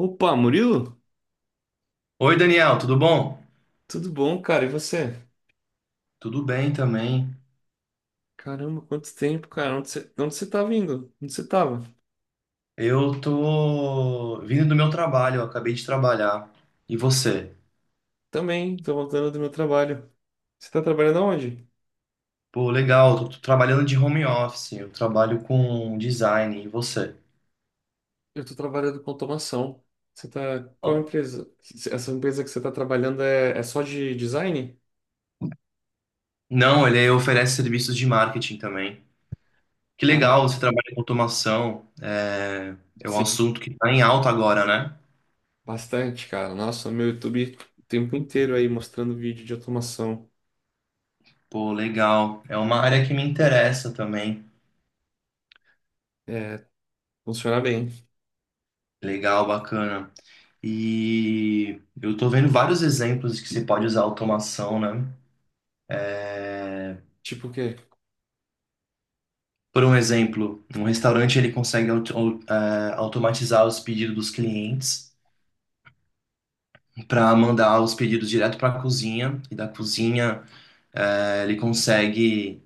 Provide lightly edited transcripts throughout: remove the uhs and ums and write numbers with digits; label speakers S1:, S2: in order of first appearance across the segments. S1: Opa, Murilo?
S2: Oi, Daniel, tudo bom?
S1: Tudo bom, cara? E você?
S2: Tudo bem também.
S1: Caramba, quanto tempo, cara? Onde você tá vindo? Onde você tava?
S2: Eu tô vindo do meu trabalho, eu acabei de trabalhar. E você?
S1: Também, tô voltando do meu trabalho. Você tá trabalhando aonde?
S2: Pô, legal, tô trabalhando de home office, eu trabalho com design. E você?
S1: Eu tô trabalhando com automação. Você tá...
S2: Ó.
S1: Qual empresa? Essa empresa que você tá trabalhando é só de design?
S2: Não, ele oferece serviços de marketing também. Que
S1: Ah,
S2: legal, você trabalha com automação. É, é um
S1: sim.
S2: assunto que tá em alta agora, né?
S1: Bastante, cara. Nossa, meu YouTube o tempo inteiro aí mostrando vídeo de automação.
S2: Pô, legal. É uma área que me interessa também.
S1: É, funciona bem.
S2: Legal, bacana. E eu tô vendo vários exemplos que se pode usar automação, né?
S1: Tipo o quê?
S2: Por um exemplo, um restaurante ele consegue automatizar os pedidos dos clientes para mandar os pedidos direto para a cozinha e da cozinha ele consegue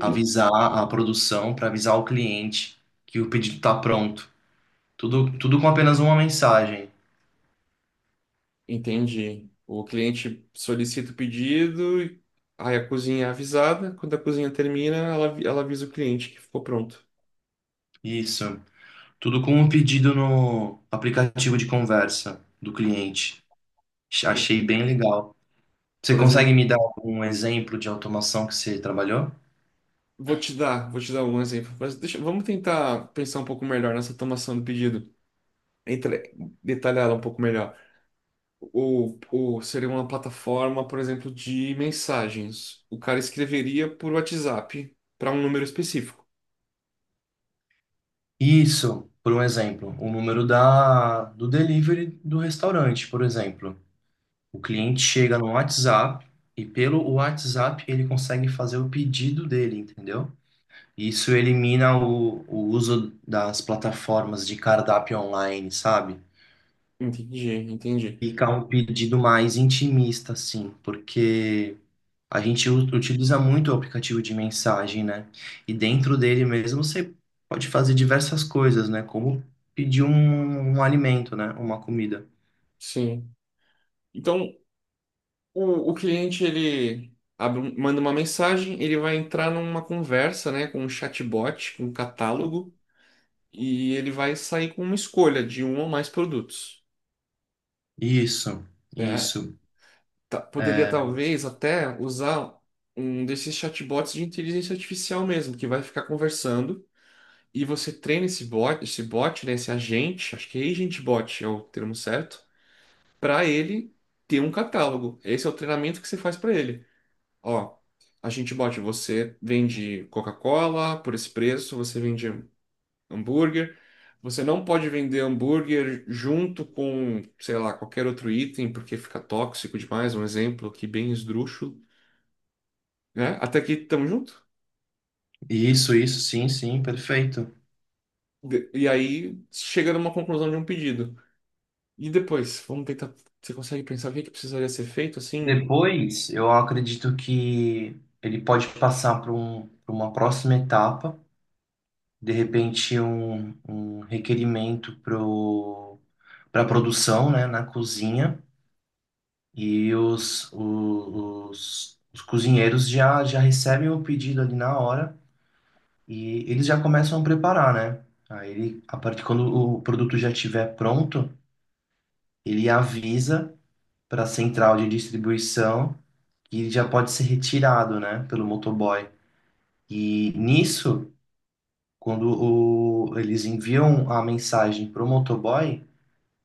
S2: avisar a produção para avisar o cliente que o pedido está pronto. Tudo com apenas uma mensagem.
S1: Entendi. O cliente solicita o pedido, aí a cozinha é avisada. Quando a cozinha termina, ela avisa o cliente que ficou pronto.
S2: Isso. Tudo com um pedido no aplicativo de conversa do cliente.
S1: Por
S2: Achei bem legal. Você
S1: por exemplo,
S2: consegue me dar um exemplo de automação que você trabalhou?
S1: vou te dar um exemplo. Mas deixa, vamos tentar pensar um pouco melhor nessa tomação do pedido. Entre, detalhar ela um pouco melhor. Seria uma plataforma, por exemplo, de mensagens. O cara escreveria por WhatsApp para um número específico.
S2: Isso, por um exemplo, o número do delivery do restaurante, por exemplo. O cliente chega no WhatsApp e pelo WhatsApp ele consegue fazer o pedido dele, entendeu? Isso elimina o uso das plataformas de cardápio online, sabe?
S1: Entendi, entendi.
S2: Fica um pedido mais intimista, assim, porque a gente utiliza muito o aplicativo de mensagem, né? E dentro dele mesmo você pode fazer diversas coisas, né? Como pedir um alimento, né? Uma comida.
S1: Sim. Então, o cliente ele manda uma mensagem, ele vai entrar numa conversa, né, com um chatbot, com um catálogo, e ele vai sair com uma escolha de um ou mais produtos.
S2: Isso,
S1: É,
S2: isso.
S1: poderia
S2: É,
S1: talvez até usar um desses chatbots de inteligência artificial mesmo, que vai ficar conversando. E você treina esse bot, né, esse agente, acho que é agent bot é o termo certo, para ele ter um catálogo. Esse é o treinamento que você faz para ele. Ó, a gente bota você vende Coca-Cola por esse preço, você vende hambúrguer. Você não pode vender hambúrguer junto com, sei lá, qualquer outro item, porque fica tóxico demais, um exemplo aqui bem esdrúxulo, né? Até aqui tamo junto.
S2: isso, sim, sim, perfeito.
S1: E aí chega numa conclusão de um pedido. E depois, vamos tentar. Você consegue pensar o que que precisaria ser feito assim?
S2: Depois, eu acredito que ele pode passar para um, para uma próxima etapa, de repente um requerimento para a produção, né, na cozinha. E os cozinheiros já recebem o pedido ali na hora e eles já começam a preparar, né? Aí, a partir quando o produto já estiver pronto, ele avisa para a central de distribuição que ele já pode ser retirado, né, pelo motoboy. E nisso, quando eles enviam a mensagem para o motoboy,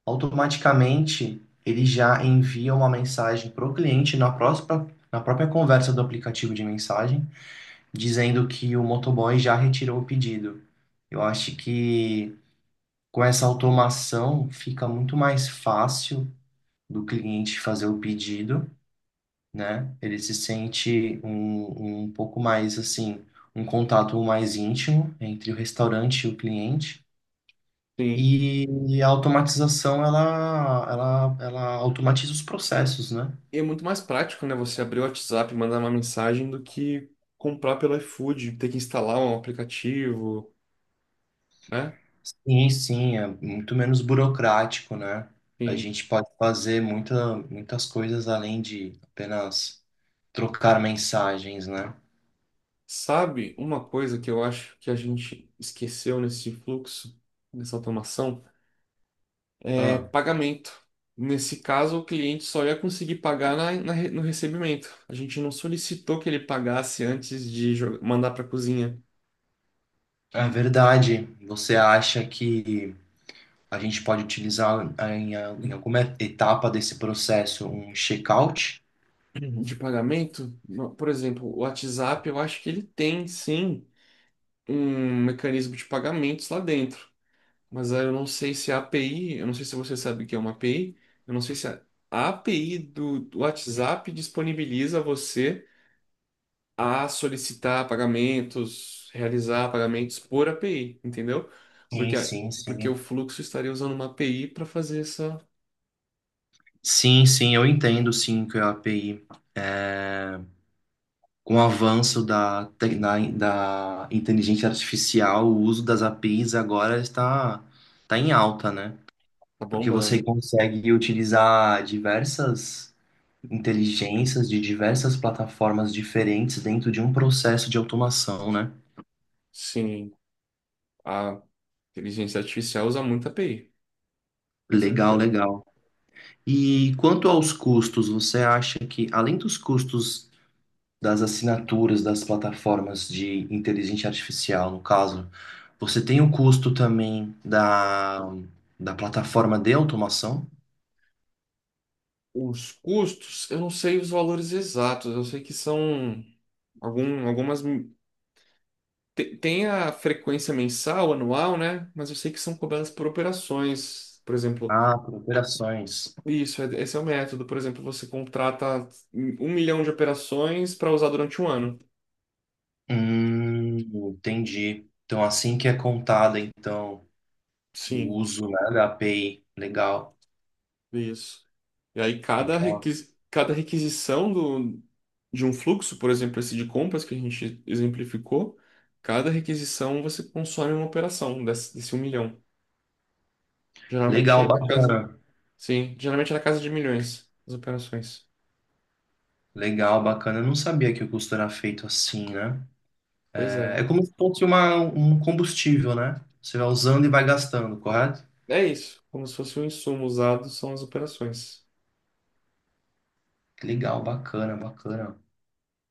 S2: automaticamente ele já envia uma mensagem para o cliente na na própria conversa do aplicativo de mensagem, dizendo que o motoboy já retirou o pedido. Eu acho que com essa automação fica muito mais fácil do cliente fazer o pedido, né? Ele se sente um pouco mais assim, um contato mais íntimo entre o restaurante e o cliente.
S1: Sim.
S2: E, e a automatização, ela automatiza os processos, né?
S1: E é muito mais prático, né? Você abrir o WhatsApp e mandar uma mensagem do que comprar pelo iFood, ter que instalar um aplicativo, né?
S2: Sim, sim, é muito menos burocrático, né? A
S1: Enfim.
S2: gente pode fazer muitas coisas além de apenas trocar mensagens, né?
S1: Sabe uma coisa que eu acho que a gente esqueceu nesse fluxo, nessa automação? É
S2: Ah,
S1: pagamento. Nesse caso, o cliente só ia conseguir pagar no recebimento. A gente não solicitou que ele pagasse antes de mandar para a cozinha
S2: é verdade. Você acha que a gente pode utilizar em, em alguma etapa desse processo um checkout?
S1: de pagamento. Por exemplo, o WhatsApp, eu acho que ele tem sim, um mecanismo de pagamentos lá dentro. Mas aí eu não sei se a API, eu não sei se você sabe o que é uma API, eu não sei se a API do WhatsApp disponibiliza a você a solicitar pagamentos, realizar pagamentos por API, entendeu?
S2: Sim,
S1: Porque, a-
S2: sim,
S1: Porque o
S2: sim.
S1: fluxo estaria usando uma API para fazer essa.
S2: Sim, sim, eu entendo sim que a API com o avanço da inteligência artificial, o uso das APIs agora está em alta, né?
S1: Tá
S2: Porque você
S1: bombando.
S2: consegue utilizar diversas inteligências de diversas plataformas diferentes dentro de um processo de automação, né?
S1: Sim, a inteligência artificial usa muito API, com
S2: Legal,
S1: certeza.
S2: legal. E quanto aos custos, você acha que, além dos custos das assinaturas das plataformas de inteligência artificial, no caso, você tem o custo também da, da plataforma de automação?
S1: Os custos, eu não sei os valores exatos, eu sei que são. Algum, algumas. Tem a frequência mensal, anual, né? Mas eu sei que são cobradas por operações. Por exemplo,
S2: Ah, por operações.
S1: isso, esse é o método. Por exemplo, você contrata 1 milhão de operações para usar durante um ano.
S2: Hum, entendi. Então, assim que é contada, então, o
S1: Sim,
S2: uso, né, da API. Legal,
S1: isso. E aí,
S2: legal.
S1: cada requisição do, de um fluxo, por exemplo, esse de compras que a gente exemplificou, cada requisição você consome uma operação desse 1 milhão. Geralmente é
S2: Legal,
S1: na casa.
S2: bacana.
S1: Sim, geralmente é na casa de milhões as operações.
S2: Legal, bacana. Eu não sabia que o custo era feito assim, né?
S1: Pois
S2: É,
S1: é.
S2: é como se fosse uma, um combustível, né? Você vai usando e vai gastando, correto?
S1: É isso, como se fosse um insumo usado são as operações.
S2: Legal, bacana, bacana.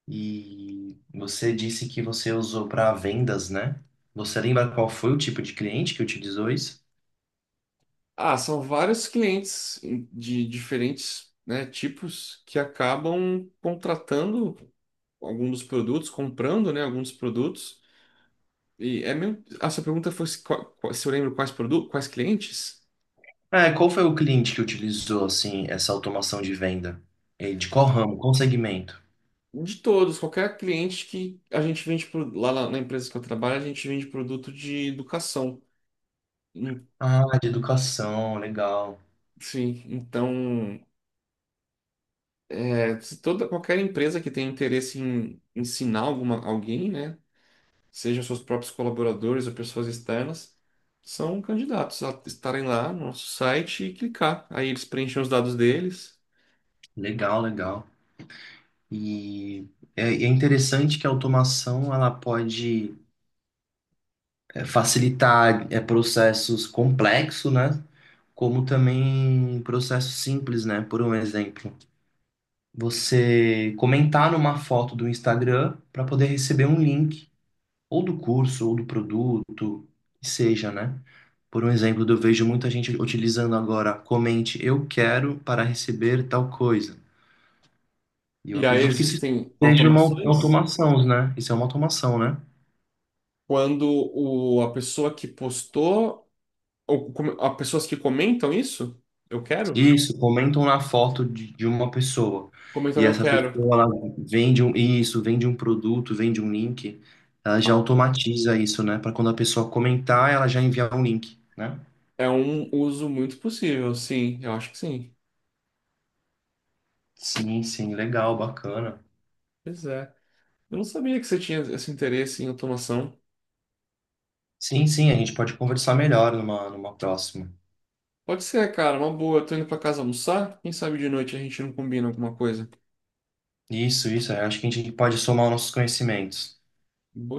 S2: E você disse que você usou para vendas, né? Você lembra qual foi o tipo de cliente que utilizou isso?
S1: Ah, são vários clientes de diferentes, né, tipos que acabam contratando alguns dos produtos, comprando, né, alguns produtos. E é mesmo... A sua pergunta foi se, se eu lembro quais produtos, quais clientes?
S2: É, qual foi o cliente que utilizou, assim, essa automação de venda? De qual ramo? Qual segmento?
S1: De todos, qualquer cliente que a gente vende lá na empresa que eu trabalho, a gente vende produto de educação. Em-
S2: Ah, de educação, legal.
S1: Sim, então, é, se toda qualquer empresa que tem interesse em ensinar alguma alguém, né, seja seus próprios colaboradores ou pessoas externas, são candidatos a estarem lá no nosso site e clicar. Aí eles preenchem os dados deles.
S2: Legal, legal. E é, é interessante que a automação ela pode facilitar processos complexos, né? Como também processos simples, né? Por um exemplo, você comentar numa foto do Instagram para poder receber um link, ou do curso, ou do produto, que seja, né? Por um exemplo, eu vejo muita gente utilizando agora, comente, eu quero para receber tal coisa. E eu
S1: E aí
S2: acredito que isso
S1: existem
S2: seja uma
S1: automações
S2: automação, né? Isso é uma automação, né?
S1: quando a pessoa que postou a pessoas que comentam isso, eu quero,
S2: Isso, comentam na foto de uma pessoa.
S1: comentam
S2: E
S1: eu
S2: essa
S1: quero.
S2: pessoa, ela vende um, isso, vende um produto, vende um link. Ela já automatiza isso, né? Para quando a pessoa comentar, ela já enviar um link, né?
S1: É um uso muito possível, sim, eu acho que sim.
S2: Sim, sim, legal, bacana.
S1: Pois é. Eu não sabia que você tinha esse interesse em automação.
S2: Sim, sim, a gente pode conversar melhor numa, numa próxima.
S1: Pode ser, cara, uma boa. Tô indo pra casa almoçar. Quem sabe de noite a gente não combina alguma coisa.
S2: Isso, eu acho que a gente pode somar os nossos conhecimentos.
S1: Boa